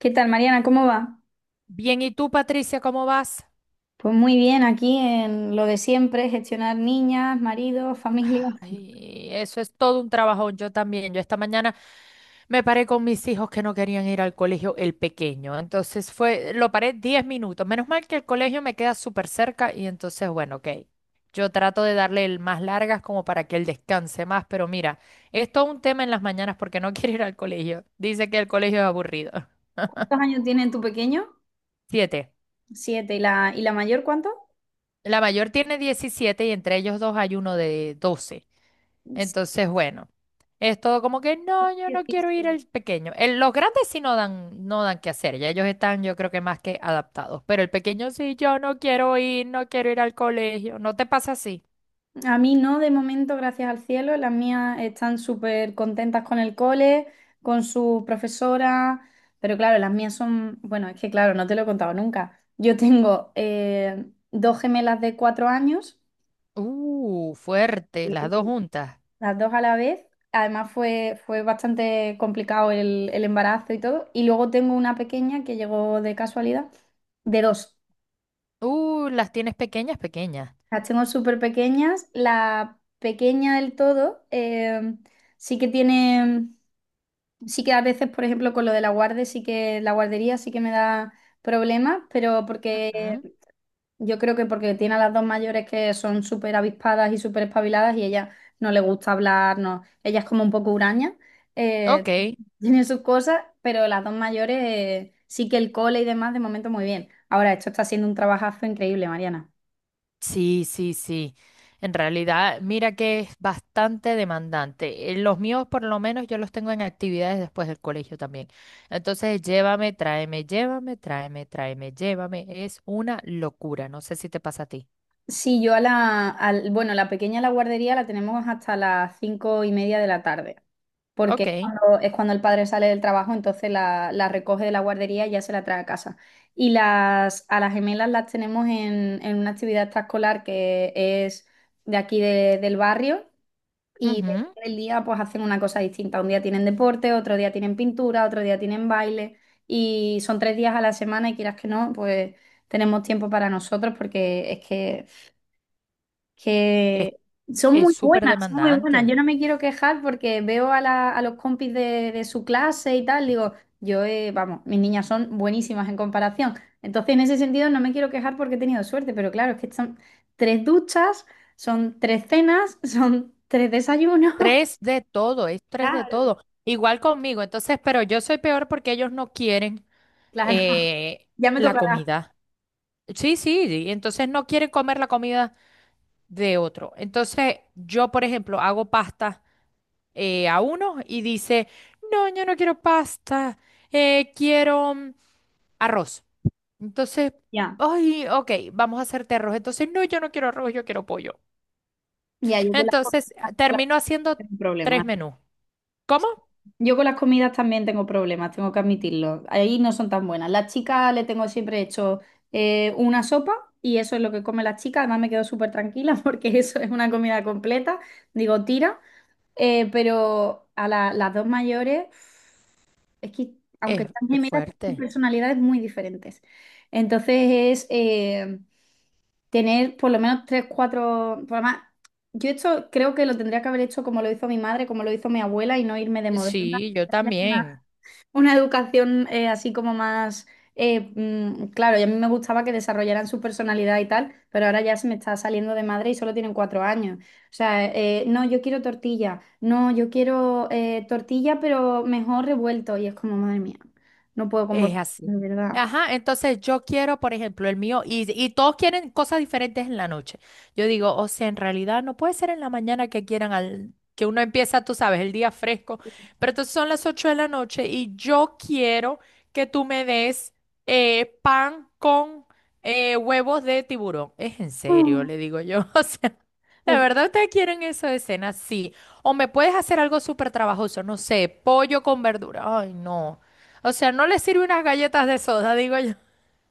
¿Qué tal, Mariana? ¿Cómo va? Bien, ¿y tú, Patricia, cómo vas? Pues muy bien, aquí en lo de siempre, gestionar niñas, maridos, familia. Ay, eso es todo un trabajón. Yo también. Yo esta mañana me paré con mis hijos que no querían ir al colegio, el pequeño. Entonces fue, lo paré 10 minutos. Menos mal que el colegio me queda súper cerca y entonces, bueno, ok. Yo trato de darle el más largas como para que él descanse más, pero mira, es todo un tema en las mañanas porque no quiere ir al colegio. Dice que el colegio es aburrido. ¿Cuántos años tiene tu pequeño? Siete. 7. ¿Y la mayor cuánto? La mayor tiene 17 y entre ellos dos hay uno de 12. Sí, Entonces, bueno, es todo como que no, yo no quiero ir 17. al pequeño. Los grandes sí no dan qué hacer, ya ellos están, yo creo que más que adaptados, pero el pequeño sí, yo no quiero ir, no quiero ir al colegio, ¿no te pasa así? A mí no, de momento, gracias al cielo. Las mías están súper contentas con el cole, con su profesora, pero claro, las mías son, bueno, es que claro, no te lo he contado nunca. Yo tengo dos gemelas de 4 años. Fuerte, las dos juntas. Las dos a la vez. Además fue bastante complicado el embarazo y todo. Y luego tengo una pequeña que llegó de casualidad, de 2. Las tienes pequeñas, pequeñas. Las tengo súper pequeñas. La pequeña del todo sí que tiene, sí que a veces, por ejemplo, con lo de la guarde, sí que la guardería sí que me da problemas, pero porque ¿Mm? yo creo que porque tiene a las dos mayores, que son súper avispadas y súper espabiladas, y ella, no le gusta hablar, no. Ella es como un poco huraña, eh, Ok. tiene sus cosas, pero las dos mayores, sí que el cole y demás de momento muy bien. Ahora, esto está siendo un trabajazo increíble, Mariana. Sí, sí, sí. En realidad, mira que es bastante demandante. Los míos, por lo menos, yo los tengo en actividades después del colegio también. Entonces, llévame, tráeme, tráeme, llévame. Es una locura. No sé si te pasa a ti. Sí, yo bueno, la pequeña, la guardería la tenemos hasta las 5:30 de la tarde, porque Ok. Es cuando el padre sale del trabajo, entonces la recoge de la guardería y ya se la trae a casa. A las gemelas las tenemos en una actividad extraescolar que es de aquí del barrio, y depende Ujú. del día, pues hacen una cosa distinta. Un día tienen deporte, otro día tienen pintura, otro día tienen baile, y son 3 días a la semana, y quieras que no, pues tenemos tiempo para nosotros, porque es que Es, que son es muy súper buenas, son muy buenas. demandante. Yo no me quiero quejar, porque veo a, a los compis de su clase y tal, digo, vamos, mis niñas son buenísimas en comparación. Entonces, en ese sentido, no me quiero quejar porque he tenido suerte, pero claro, es que son tres duchas, son tres cenas, son tres desayunos. Tres de todo, es tres de Claro. todo. Igual conmigo. Entonces, pero yo soy peor porque ellos no quieren Claro, eh, ya me la tocará. comida. Sí, sí, y entonces no quieren comer la comida de otro. Entonces, yo, por ejemplo, hago pasta a uno y dice, no, yo no quiero pasta, quiero arroz. Entonces, Ya, ay, ok, vamos a hacerte arroz. Entonces, no, yo no quiero arroz, yo quiero pollo. ya, yo con las cosas, Entonces, con las cosas termino haciendo tengo tres problemas. menús. ¿Cómo? Yo con las comidas también tengo problemas, tengo que admitirlo. Ahí no son tan buenas. Las chicas le tengo siempre hecho una sopa, y eso es lo que come las chicas. Además me quedo súper tranquila porque eso es una comida completa. Digo, tira. Pero a las dos mayores, es que, aunque Es, están es gemelas, tienen fuerte. personalidades muy diferentes. Entonces es... tener por lo menos tres, cuatro, por lo más, yo esto creo que lo tendría que haber hecho como lo hizo mi madre, como lo hizo mi abuela, y no irme de moderna, Sí, yo también. una educación así como más, claro, y a mí me gustaba que desarrollaran su personalidad y tal, pero ahora ya se me está saliendo de madre y solo tienen 4 años. O sea, no, yo quiero tortilla, no, yo quiero tortilla, pero mejor revuelto. Y es como, madre mía, no puedo con vos, Es así. de verdad. Ajá, entonces yo quiero, por ejemplo, el mío, y todos quieren cosas diferentes en la noche. Yo digo, o sea, en realidad no puede ser en la mañana que quieran al, que uno empieza, tú sabes, el día fresco, pero entonces son las 8 de la noche y yo quiero que tú me des pan con huevos de tiburón. Es en serio, le digo yo. O sea, ¿de verdad ustedes quieren eso de cena? Sí. O me puedes hacer algo súper trabajoso, no sé, pollo con verdura. Ay, no. O sea, no le sirve unas galletas de soda, digo yo.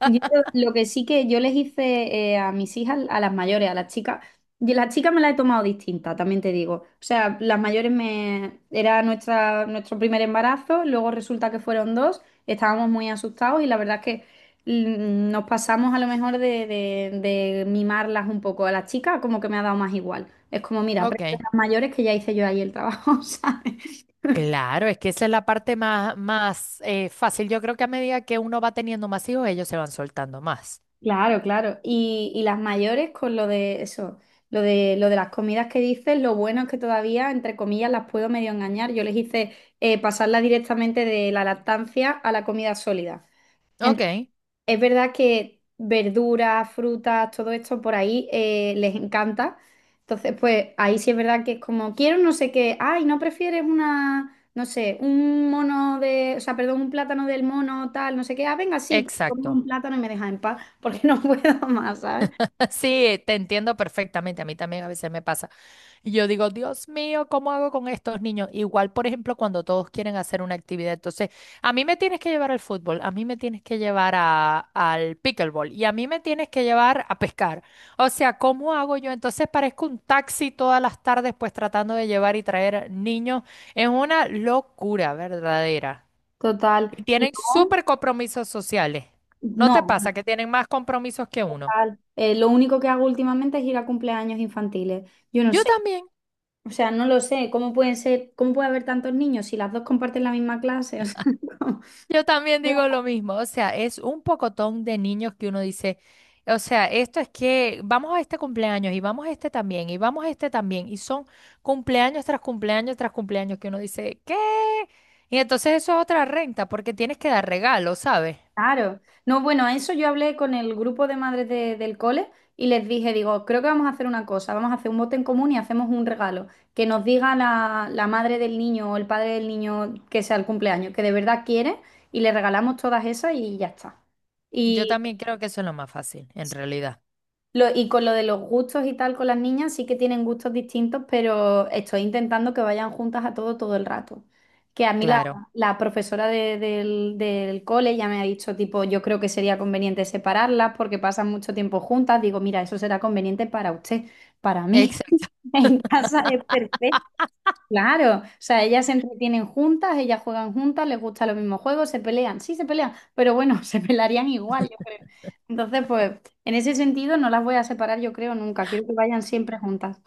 Yo, lo que sí, que yo les hice, a mis hijas, a las mayores, a las chicas, y las chicas me las he tomado distinta, también te digo. O sea, las mayores, me era nuestro primer embarazo, luego resulta que fueron dos, estábamos muy asustados, y la verdad es que, nos pasamos a lo mejor de, de mimarlas un poco. A las chicas como que me ha dado más igual. Es como, mira, aprende a Ok. las mayores, que ya hice yo ahí el trabajo, ¿sabes? Claro, es que esa es la parte más, más fácil. Yo creo que a medida que uno va teniendo más hijos, ellos se van soltando más. Claro, claro. Y las mayores con lo de eso, lo de las comidas que dices, lo bueno es que todavía, entre comillas, las puedo medio engañar. Yo les hice, pasarla directamente de la lactancia a la comida sólida. Ok, Es verdad que verduras, frutas, todo esto, por ahí les encanta. Entonces, pues ahí sí es verdad que es como, quiero no sé qué, ay, ¿no prefieres una, no sé, un mono de, o sea, perdón, un plátano del mono tal, no sé qué? Ah, venga, sí, pues, como exacto. un plátano y me dejas en paz, porque no puedo más, ¿sabes? Sí, te entiendo perfectamente. A mí también a veces me pasa. Y yo digo, Dios mío, ¿cómo hago con estos niños? Igual, por ejemplo, cuando todos quieren hacer una actividad. Entonces, a mí me tienes que llevar al fútbol, a mí me tienes que llevar al pickleball y a mí me tienes que llevar a pescar. O sea, ¿cómo hago yo? Entonces parezco un taxi todas las tardes, pues tratando de llevar y traer niños. Es una locura verdadera. Total. Y Y tienen súper compromisos sociales. ¿No te no, no, pasa que tienen más compromisos que uno? total. Lo único que hago últimamente es ir a cumpleaños infantiles. Yo no Yo sé, también. o sea, no lo sé, ¿cómo pueden ser, cómo puede haber tantos niños, si las dos comparten la misma clase? O sea, ¿cómo? Yo también digo lo mismo, o sea, es un pocotón de niños que uno dice, o sea, esto es que vamos a este cumpleaños y vamos a este también y vamos a este también y son cumpleaños tras cumpleaños tras cumpleaños que uno dice, ¿qué? Y entonces eso es otra renta porque tienes que dar regalos, ¿sabes? Claro. No, bueno, a eso, yo hablé con el grupo de madres del cole y les dije, digo, creo que vamos a hacer una cosa, vamos a hacer un bote en común y hacemos un regalo, que nos diga la madre del niño, o el padre del niño, que sea el cumpleaños, que de verdad quiere, y le regalamos todas esas y ya está. Yo también creo que eso es lo más fácil, en realidad. Y con lo de los gustos y tal, con las niñas sí que tienen gustos distintos, pero estoy intentando que vayan juntas a todo todo el rato. Que a mí la, Claro. la profesora del cole ya me ha dicho, tipo, yo creo que sería conveniente separarlas porque pasan mucho tiempo juntas. Digo, mira, eso será conveniente para usted, para mí. Exacto. En casa es perfecto. Claro, o sea, ellas se entretienen juntas, ellas juegan juntas, les gustan los mismos juegos, se pelean, sí se pelean, pero bueno, se pelearían igual, yo creo. Entonces, pues, en ese sentido no las voy a separar, yo creo, nunca. Quiero que vayan siempre juntas.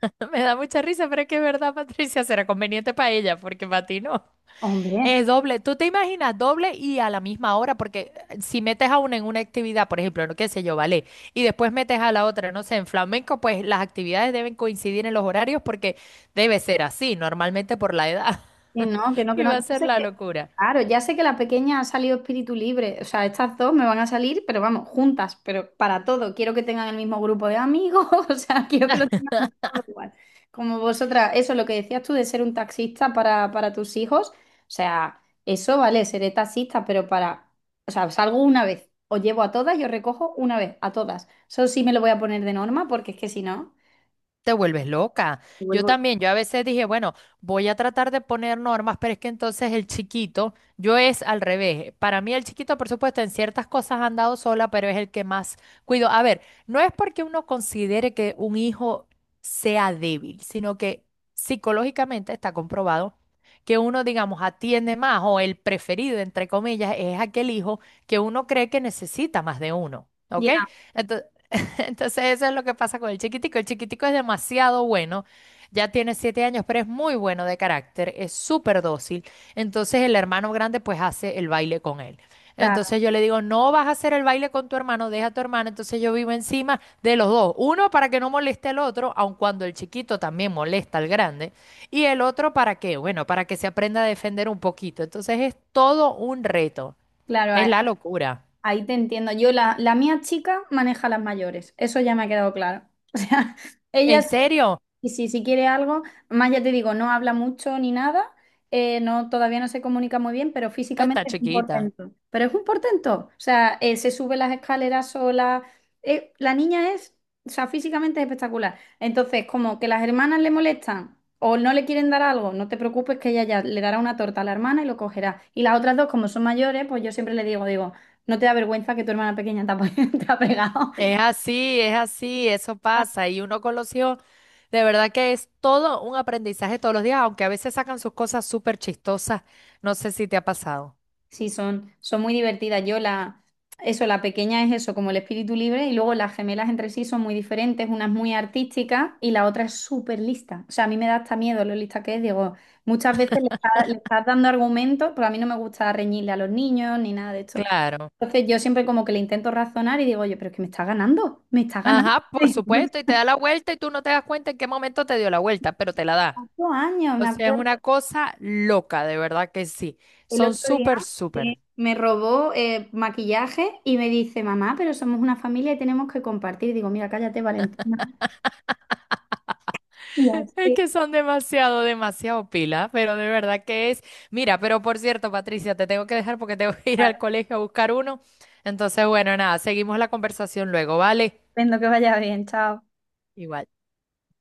Me da mucha risa, pero es que es verdad, Patricia, será conveniente para ella porque para ti no. Hombre. Es doble, tú te imaginas doble y a la misma hora, porque si metes a una en una actividad, por ejemplo, no qué sé yo, vale, y después metes a la otra, no sé, en flamenco, pues las actividades deben coincidir en los horarios porque debe ser así, normalmente por la edad, Y no, que no, que y no. va a Ya ser sé la que, locura. claro, ya sé que la pequeña ha salido espíritu libre. O sea, estas dos me van a salir, pero vamos, juntas, pero para todo. Quiero que tengan el mismo grupo de amigos, o sea, quiero que lo tengan todo igual. Como vosotras, eso, lo que decías tú de ser un taxista para tus hijos, o sea, eso vale, seré taxista, pero o sea, salgo una vez, os llevo a todas, y os recojo una vez, a todas. Eso sí me lo voy a poner de norma, porque es que si no, Te vuelves loca. me Yo vuelvo loca. también, yo a veces dije, bueno, voy a tratar de poner normas, pero es que entonces el chiquito, yo es al revés. Para mí el chiquito, por supuesto, en ciertas cosas ha andado sola, pero es el que más cuido. A ver, no es porque uno considere que un hijo sea débil, sino que psicológicamente está comprobado que uno, digamos, atiende más o el preferido, entre comillas, es aquel hijo que uno cree que necesita más de uno. ¿Ok? Ya, Ento- Entonces eso es lo que pasa con el chiquitico. El chiquitico es demasiado bueno, ya tiene 7 años, pero es muy bueno de carácter, es súper dócil. Entonces el hermano grande pues hace el baile con él. claro, Entonces yo le digo, no vas a hacer el baile con tu hermano, deja a tu hermano. Entonces yo vivo encima de los dos. Uno para que no moleste al otro, aun cuando el chiquito también molesta al grande. Y el otro para qué, bueno, para que se aprenda a defender un poquito. Entonces es todo un reto, es claro. la locura. Ahí te entiendo. Yo, la mía chica maneja las mayores. Eso ya me ha quedado claro. O sea, ¿En ellas. serio? Y si quiere algo, más ya te digo, no habla mucho ni nada, no, todavía no se comunica muy bien, pero Está físicamente es un chiquita. portento. Pero es un portento. O sea, se sube las escaleras sola. La niña es, o sea, físicamente es espectacular. Entonces, como que las hermanas le molestan o no le quieren dar algo, no te preocupes, que ella ya le dará una torta a la hermana y lo cogerá. Y las otras dos, como son mayores, pues yo siempre le digo, digo, no te da vergüenza que tu hermana pequeña te ha pegado. Es así, eso pasa. Y uno con los hijos, de verdad que es todo un aprendizaje todos los días, aunque a veces sacan sus cosas súper chistosas. No sé si te ha pasado. Sí, son muy divertidas. Eso, la pequeña es eso, como el espíritu libre, y luego las gemelas entre sí son muy diferentes, una es muy artística y la otra es súper lista. O sea, a mí me da hasta miedo lo lista que es. Digo, muchas veces le estás dando argumentos, pero a mí no me gusta reñirle a los niños ni nada de esto. Claro. Entonces yo siempre como que le intento razonar y digo, oye, pero es que me está ganando, me está ganando. Ajá, por supuesto, y te da la vuelta y tú no te das cuenta en qué momento te dio la vuelta, pero te la da. 8 años, O me sea, es acuerdo. una cosa loca, de verdad que sí. El Son otro día, súper, súper. sí, me robó maquillaje, y me dice, mamá, pero somos una familia y tenemos que compartir. Digo, mira, cállate, Valentina. Y Es así. que son demasiado, demasiado pila, pero de verdad que es. Mira, pero por cierto, Patricia, te tengo que dejar porque tengo que ir Vale. al colegio a buscar uno. Entonces, bueno, nada, seguimos la conversación luego, ¿vale? Entiendo. Que vaya bien, chao. Igual.